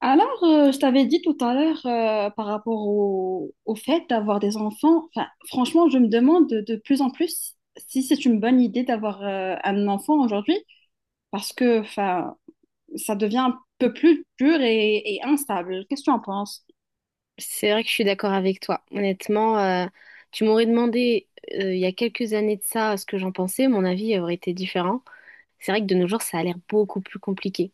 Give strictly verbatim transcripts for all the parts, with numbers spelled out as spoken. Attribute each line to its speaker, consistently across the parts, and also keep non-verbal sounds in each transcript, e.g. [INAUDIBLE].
Speaker 1: Alors, euh, je t'avais dit tout à l'heure euh, par rapport au, au fait d'avoir des enfants. Enfin, franchement, je me demande de, de plus en plus si c'est une bonne idée d'avoir euh, un enfant aujourd'hui parce que enfin, ça devient un peu plus dur et, et instable. Qu'est-ce que tu en penses?
Speaker 2: C'est vrai que je suis d'accord avec toi. Honnêtement, euh, tu m'aurais demandé euh, il y a quelques années de ça ce que j'en pensais, mon avis aurait été différent. C'est vrai que de nos jours, ça a l'air beaucoup plus compliqué.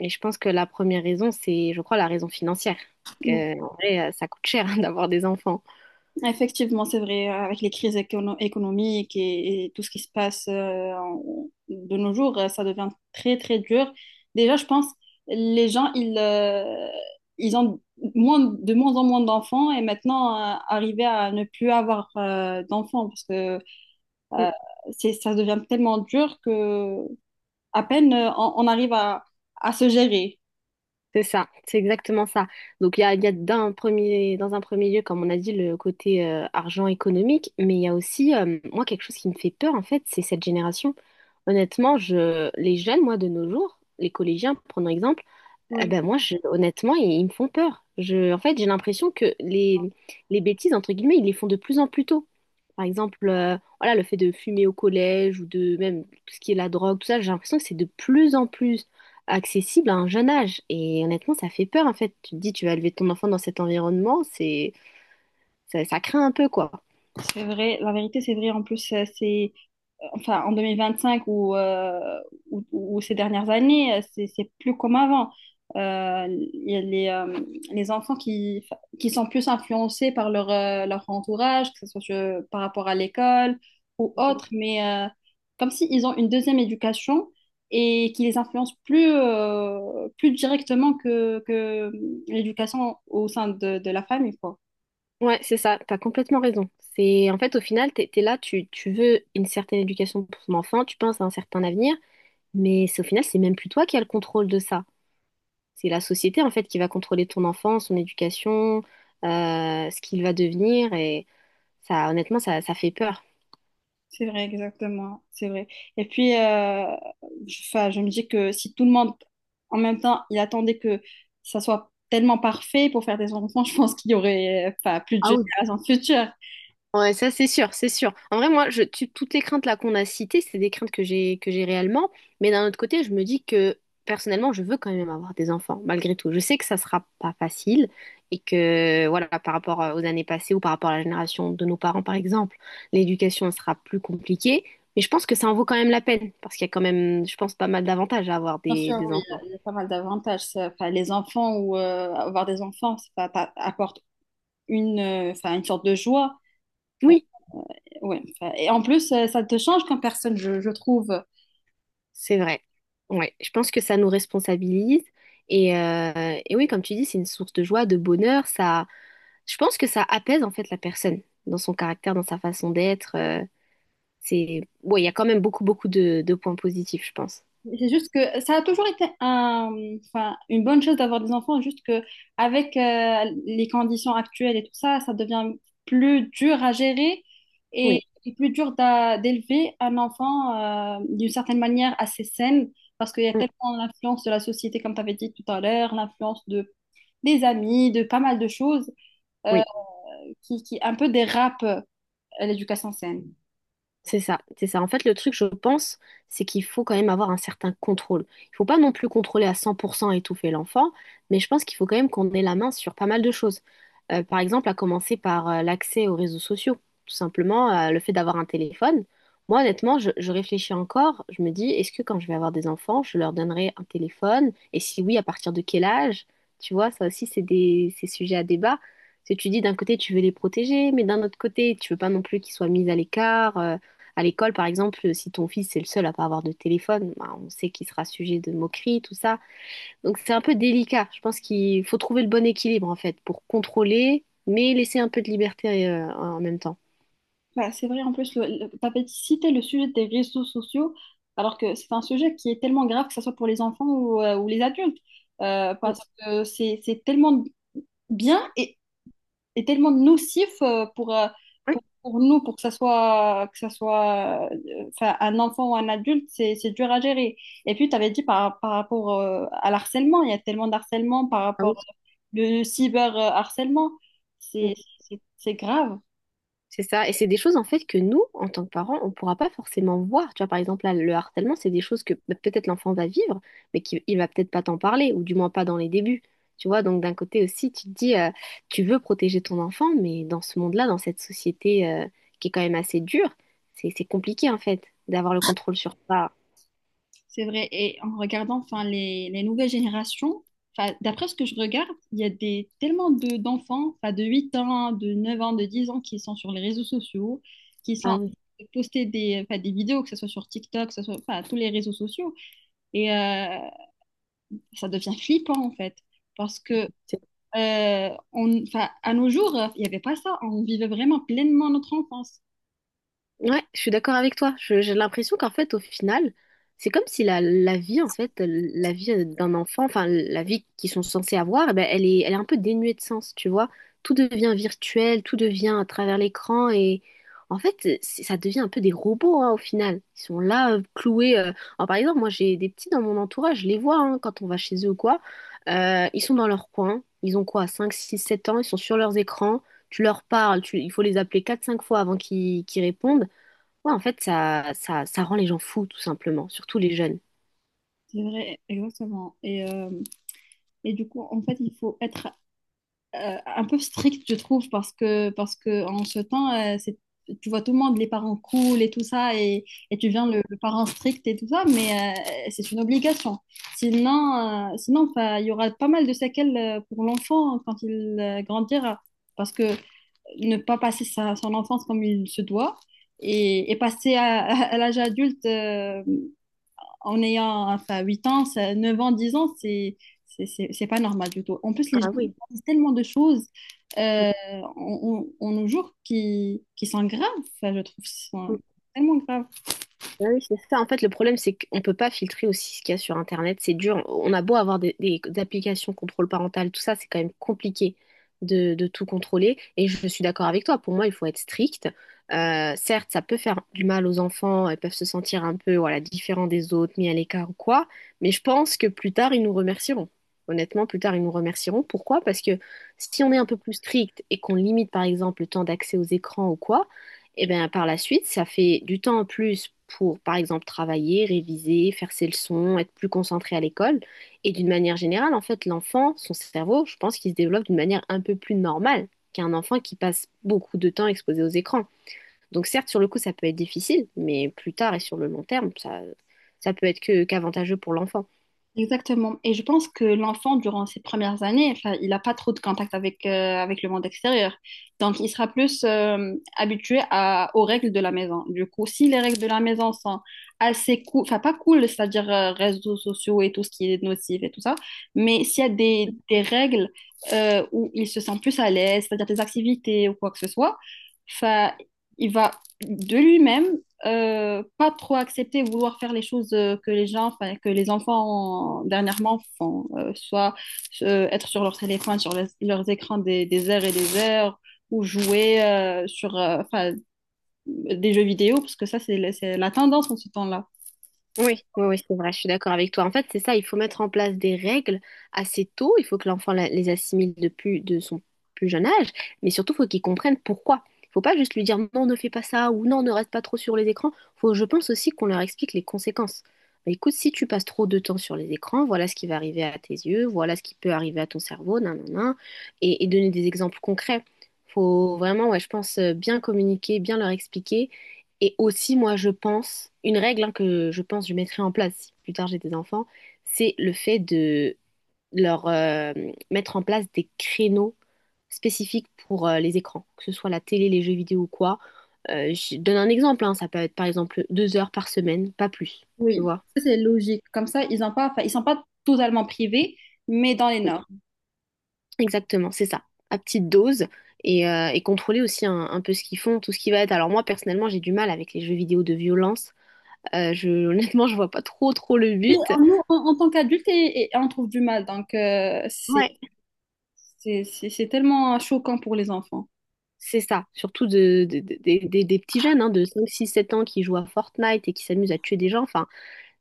Speaker 2: Et je pense que la première raison, c'est, je crois, la raison financière. Parce que, en vrai, euh, ça coûte cher [LAUGHS] d'avoir des enfants.
Speaker 1: Effectivement, c'est vrai, avec les crises écono- économiques et, et tout ce qui se passe euh, en- de nos jours, euh, ça devient très, très dur. Déjà, je pense, les gens, ils, euh, ils ont moins, de moins en moins d'enfants et maintenant, euh, arriver à ne plus avoir euh, d'enfants parce que euh, c'est, ça devient tellement dur que à peine euh, on, on arrive à, à se gérer.
Speaker 2: C'est ça, c'est exactement ça. Donc il y a, il y a d'un premier, dans un premier lieu, comme on a dit, le côté euh, argent économique, mais il y a aussi, euh, moi, quelque chose qui me fait peur, en fait, c'est cette génération. Honnêtement, je, les jeunes, moi, de nos jours, les collégiens, prenons exemple, ah
Speaker 1: Oui.
Speaker 2: ben moi, je- honnêtement, ils, ils me font peur. Je, en fait, j'ai l'impression que les, les bêtises, entre guillemets, ils les font de plus en plus tôt. Par exemple, euh, voilà, le fait de fumer au collège ou de même tout ce qui est la drogue, tout ça, j'ai l'impression que c'est de plus en plus accessible à un jeune âge. Et honnêtement, ça fait peur, en fait. Tu te dis, tu vas élever ton enfant dans cet environnement, c'est, ça, ça craint un peu, quoi.
Speaker 1: C'est vrai, la vérité, c'est vrai. En plus, euh, c'est enfin, en deux mille vingt-cinq ou, euh, ou, ou ces dernières années, euh, c'est c'est plus comme avant. Euh, Il y a les, euh, les enfants qui, enfin, qui sont plus influencés par leur, euh, leur entourage, que ce soit euh, par rapport à l'école ou autre, mais euh, comme s'ils ont une deuxième éducation et qui les influence plus, euh, plus directement que, que l'éducation au sein de, de la famille, quoi.
Speaker 2: Ouais, c'est ça, t'as complètement raison. C'est en fait au final, t'es, t'es là, tu, tu veux une certaine éducation pour ton enfant, tu penses à un certain avenir, mais c'est au final, c'est même plus toi qui as le contrôle de ça. C'est la société en fait qui va contrôler ton enfant, son éducation, euh, ce qu'il va devenir, et ça, honnêtement, ça, ça fait peur.
Speaker 1: C'est vrai, exactement, c'est vrai. Et puis, euh, je, 'fin, je me dis que si tout le monde, en même temps, il attendait que ça soit tellement parfait pour faire des enfants, [LAUGHS] je pense qu'il y aurait, enfin, plus de générations futures.
Speaker 2: Ouais, ça c'est sûr, c'est sûr. En vrai, moi, je, tu- toutes les craintes là qu'on a citées, c'est des craintes que j'ai que j'ai réellement. Mais d'un autre côté, je me dis que personnellement, je veux quand même avoir des enfants, malgré tout. Je sais que ça sera pas facile et que voilà, par rapport euh, aux années passées ou par rapport à la génération de nos parents, par exemple, l'éducation sera plus compliquée. Mais je pense que ça en vaut quand même la peine parce qu'il y a quand même, je pense, pas mal d'avantages à avoir
Speaker 1: Bien
Speaker 2: des,
Speaker 1: sûr,
Speaker 2: des
Speaker 1: oui,
Speaker 2: enfants.
Speaker 1: il y a pas mal d'avantages. Ça. 'Fin, les enfants ou euh, avoir des enfants, ça t'a- apporte une, euh, 'fin, une sorte de joie.
Speaker 2: Oui.
Speaker 1: Ouais, 'fin, et en plus, euh, ça te change comme personne, je, je trouve.
Speaker 2: C'est vrai. Ouais, je pense que ça nous responsabilise. Et, euh, et oui, comme tu dis, c'est une source de joie, de bonheur. Ça, je pense que ça apaise en fait la personne dans son caractère, dans sa façon d'être. euh, c'est, ouais, il y a quand même beaucoup, beaucoup de, de points positifs, je pense.
Speaker 1: C'est juste que ça a toujours été un, enfin, une bonne chose d'avoir des enfants, juste que avec euh, les conditions actuelles et tout ça, ça devient plus dur à gérer et,
Speaker 2: Oui.
Speaker 1: et plus dur d'a- d'élever un enfant euh, d'une certaine manière assez saine, parce qu'il y a
Speaker 2: Mm.
Speaker 1: tellement l'influence de la société, comme tu avais dit tout à l'heure, l'influence de, des amis, de pas mal de choses euh,
Speaker 2: Oui.
Speaker 1: qui, qui un peu dérapent euh, l'éducation saine.
Speaker 2: C'est ça, c'est ça. En fait, le truc, je pense, c'est qu'il faut quand même avoir un certain contrôle. Il faut pas non plus contrôler à cent pour cent et étouffer l'enfant, mais je pense qu'il faut quand même qu'on ait la main sur pas mal de choses. Euh, par exemple, à commencer par euh, l'accès aux réseaux sociaux. Tout simplement, euh, le fait d'avoir un téléphone. Moi, honnêtement, je, je réfléchis encore. Je me dis, est-ce que quand je vais avoir des enfants, je leur donnerai un téléphone? Et si oui, à partir de quel âge? Tu vois, ça aussi, c'est des, c'est sujet à débat. Parce que tu dis, d'un côté, tu veux les protéger, mais d'un autre côté, tu veux pas non plus qu'ils soient mis à l'écart. Euh, à l'école, par exemple, si ton fils est le seul à pas avoir de téléphone, bah, on sait qu'il sera sujet de moqueries, tout ça. Donc c'est un peu délicat. Je pense qu'il faut trouver le bon équilibre en fait pour contrôler, mais laisser un peu de liberté euh, en même temps.
Speaker 1: Bah, c'est vrai, en plus, le, tu avais cité le sujet des réseaux sociaux, alors que c'est un sujet qui est tellement grave, que ce soit pour les enfants ou, euh, ou les adultes, euh,
Speaker 2: Mm.
Speaker 1: parce que c'est c'est tellement bien et, et tellement nocif euh, pour, euh,
Speaker 2: Ouais.
Speaker 1: pour, pour nous, pour que ça soit, que ça soit euh, enfin, un enfant ou un adulte, c'est c'est dur à gérer. Et puis, tu avais dit par, par rapport euh, à l'harcèlement, il y a tellement d'harcèlement par
Speaker 2: Ah
Speaker 1: rapport
Speaker 2: oui.
Speaker 1: au cyberharcèlement, c'est c'est- c'est grave.
Speaker 2: C'est ça, et c'est des choses en fait que nous, en tant que parents, on ne pourra pas forcément voir. Tu vois, par exemple, là, le harcèlement, c'est des choses que bah, peut-être l'enfant va vivre, mais qu'il il va peut-être pas t'en parler, ou du moins pas dans les débuts. Tu vois, donc d'un côté aussi, tu te dis, euh, tu veux protéger ton enfant, mais dans ce monde-là, dans cette société euh, qui est quand même assez dure, c'est c'est compliqué en fait d'avoir le contrôle sur ça.
Speaker 1: C'est vrai. Et en regardant enfin, les, les nouvelles générations, enfin, d'après ce que je regarde, il y a des, tellement de, d'enfants, enfin, de huit ans, de neuf ans, de dix ans, qui sont sur les réseaux sociaux, qui
Speaker 2: Ah
Speaker 1: sont
Speaker 2: oui.
Speaker 1: poster des, enfin, des vidéos, que ce soit sur TikTok, que ce soit enfin, tous les réseaux sociaux. Et euh, Ça devient flippant, en fait. Parce que euh, on, enfin, à nos jours, il n'y avait pas ça. On vivait vraiment pleinement notre enfance.
Speaker 2: Ouais, je suis d'accord avec toi. Je- J'ai l'impression qu'en fait, au final, c'est comme si la, la vie, en fait, la vie euh, d'un enfant, enfin, la vie qu'ils sont censés avoir, eh ben, elle est, elle est un peu dénuée de sens, tu vois. Tout devient virtuel, tout devient à travers l'écran et en fait, c'est- ça devient un peu des robots, hein, au final. Ils sont là, euh, cloués. euh. Alors, par exemple, moi, j'ai des petits dans mon entourage, je les vois hein, quand on va chez eux ou quoi. Euh, ils sont dans leur coin. Ils ont quoi, cinq six sept ans, ils sont sur leurs écrans. Tu leur parles, tu- il faut les appeler quatre cinq fois avant qu'ils qu'ils répondent. Ouais, en fait, ça, ça, ça rend les gens fous, tout simplement, surtout les jeunes.
Speaker 1: C'est vrai, exactement. Et, euh, et du coup, en fait, il faut être euh, un peu strict, je trouve, parce que, parce que en ce temps, euh, c'est- tu vois tout le monde, les parents cool et tout ça, et, et tu viens
Speaker 2: Mm.
Speaker 1: le, le parent strict et tout ça, mais euh, c'est une obligation. Sinon, euh, sinon enfin, il y aura pas mal de séquelles euh, pour l'enfant quand il euh, grandira, parce que ne pas passer sa, son enfance comme il se doit et, et passer à, à à l'âge adulte. Euh, en ayant enfin, huit ans, ça- neuf ans, dix ans, c'est c'est c'est- c'est pas normal du tout. En plus, les gens
Speaker 2: Ah oui.
Speaker 1: disent tellement de choses
Speaker 2: Mm.
Speaker 1: euh, en, en- en nos jours qui, qui sont graves, enfin, je trouve, qui sont tellement graves.
Speaker 2: Ah oui, c'est ça. En fait, le problème, c'est qu'on ne peut pas filtrer aussi ce qu'il y a sur Internet. C'est dur. On a beau avoir des, des applications contrôle parental, tout ça, c'est quand même compliqué de, de tout contrôler. Et je suis d'accord avec toi. Pour moi, il faut être strict. Euh, certes, ça peut faire du mal aux enfants. Ils peuvent se sentir un peu, voilà, différents des autres, mis à l'écart ou quoi. Mais je pense que plus tard, ils nous remercieront. Honnêtement, plus tard, ils nous remercieront. Pourquoi? Parce que si on est un peu plus strict et qu'on limite, par exemple, le temps d'accès aux écrans ou quoi, et bien, par la suite, ça fait du temps en plus pour, par exemple, travailler, réviser, faire ses leçons, être plus concentré à l'école. Et d'une manière générale, en fait, l'enfant, son cerveau, je pense qu'il se développe d'une manière un peu plus normale qu'un enfant qui passe beaucoup de temps exposé aux écrans. Donc, certes, sur le coup, ça peut être difficile, mais plus tard et sur le long terme, ça, ça peut être que, qu'avantageux pour l'enfant.
Speaker 1: Exactement. Et je pense que l'enfant, durant ses premières années, enfin, il n'a pas trop de contact avec, euh, avec le monde extérieur. Donc, il sera plus euh, habitué à- aux règles de la maison. Du coup, si les règles de la maison sont assez cool, enfin, pas cool, c'est-à-dire euh, réseaux sociaux et tout ce qui est nocif et tout ça, mais s'il y a des, des règles euh, où il se sent plus à l'aise, c'est-à-dire des activités ou quoi que ce soit, enfin, il va de lui-même euh, pas trop accepter, vouloir faire les choses euh, que les gens, enfin, que les enfants euh, dernièrement font, euh, soit euh, être sur leur téléphone, sur les- leurs écrans des, des heures et des heures, ou jouer euh, sur euh, enfin, des jeux vidéo, parce que ça, c'est la- c'est la tendance en ce temps-là.
Speaker 2: Oui, oui, oui, c'est vrai, je suis d'accord avec toi. En fait, c'est ça, il faut mettre en place des règles assez tôt, il faut que l'enfant la- les assimile depuis de son plus jeune âge, mais surtout, il faut qu'il comprenne pourquoi. Il faut pas juste lui dire non, ne fais pas ça ou non, ne reste pas trop sur les écrans. Faut, je pense aussi qu'on leur explique les conséquences. Bah, écoute, si tu passes trop de temps sur les écrans, voilà ce qui va arriver à tes yeux, voilà ce qui peut arriver à ton cerveau, nan, nan, nan, et, et donner des exemples concrets. Faut vraiment, ouais, je pense, euh, bien communiquer, bien leur expliquer et aussi, moi, je pense, une règle hein, que je pense que je mettrai en place si plus tard j'ai des enfants, c'est le fait de leur euh, mettre en place des créneaux spécifiques pour euh, les écrans, que ce soit la télé, les jeux vidéo ou quoi. Euh, je donne un exemple, hein, ça peut être par exemple deux heures par semaine, pas plus, tu
Speaker 1: Oui,
Speaker 2: vois.
Speaker 1: ça, c'est logique. Comme ça, ils ont pas, enfin, ils sont pas totalement privés, mais dans les normes.
Speaker 2: Exactement, c'est ça, à petite dose et, euh, et contrôler aussi un, un peu ce qu'ils font, tout ce qui va être. Alors moi personnellement j'ai du mal avec les jeux vidéo de violence. Euh, je, [LAUGHS] honnêtement je vois pas trop trop le
Speaker 1: Et
Speaker 2: but.
Speaker 1: en- nous, en, en tant qu'adultes, et, et on trouve du mal, donc euh, c'est
Speaker 2: Ouais.
Speaker 1: c'est- c'est- c'est tellement choquant pour les enfants.
Speaker 2: C'est ça, surtout de, de- de- des des- des petits jeunes hein, de cinq six sept ans qui jouent à Fortnite et qui s'amusent à tuer des gens. Enfin,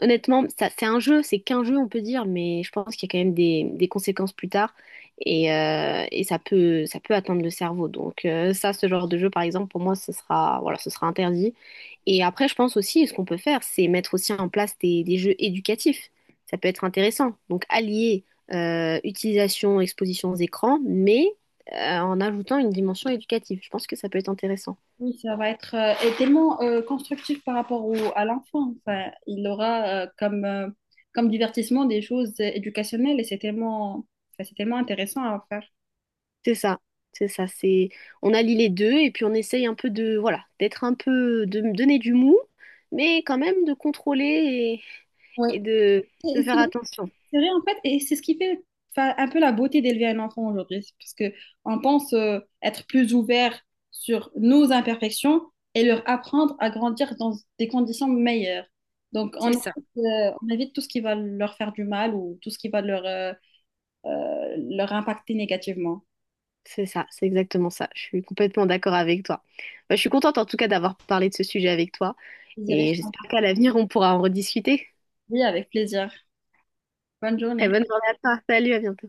Speaker 2: honnêtement, ça, c'est un jeu, c'est qu'un jeu, on peut dire, mais je pense qu'il y a quand même des, des conséquences plus tard et, euh, et ça peut, ça peut atteindre le cerveau. Donc euh, ça, ce genre de jeu, par exemple, pour moi, ce sera, voilà, ce sera interdit. Et après, je pense aussi, ce qu'on peut faire, c'est mettre aussi en place des, des jeux éducatifs. Ça peut être intéressant. Donc allier euh, utilisation, exposition aux écrans, mais euh, en ajoutant une dimension éducative. Je pense que ça peut être intéressant.
Speaker 1: Oui, ça va être euh, et tellement euh, constructif par rapport au, à l'enfant. Enfin, il aura euh, comme, euh, comme divertissement des choses euh, éducationnelles et c'est tellement, enfin, c'est tellement intéressant à faire.
Speaker 2: C'est ça, c'est ça, c'est on allie les deux et puis on essaye un peu de voilà, d'être un peu de me donner du mou, mais quand même de contrôler
Speaker 1: Oui,
Speaker 2: et, et de, de
Speaker 1: et c'est
Speaker 2: faire
Speaker 1: vrai,
Speaker 2: attention.
Speaker 1: c'est vrai en fait, et c'est ce qui fait enfin, un peu la beauté d'élever un enfant aujourd'hui, c'est parce que on pense euh, être plus ouvert sur nos imperfections et leur apprendre à grandir dans des conditions meilleures. Donc on
Speaker 2: C'est ça.
Speaker 1: évite, euh, on évite tout ce qui va leur faire du mal ou tout ce qui va leur, euh, euh, leur impacter négativement.
Speaker 2: C'est ça, c'est exactement ça. Je suis complètement d'accord avec toi. Bah, je suis contente en tout cas d'avoir parlé de ce sujet avec toi
Speaker 1: Vous irez
Speaker 2: et j'espère qu'à l'avenir on pourra en rediscuter.
Speaker 1: avec plaisir. Bonne
Speaker 2: Très
Speaker 1: journée.
Speaker 2: bonne journée à toi. Salut, à bientôt.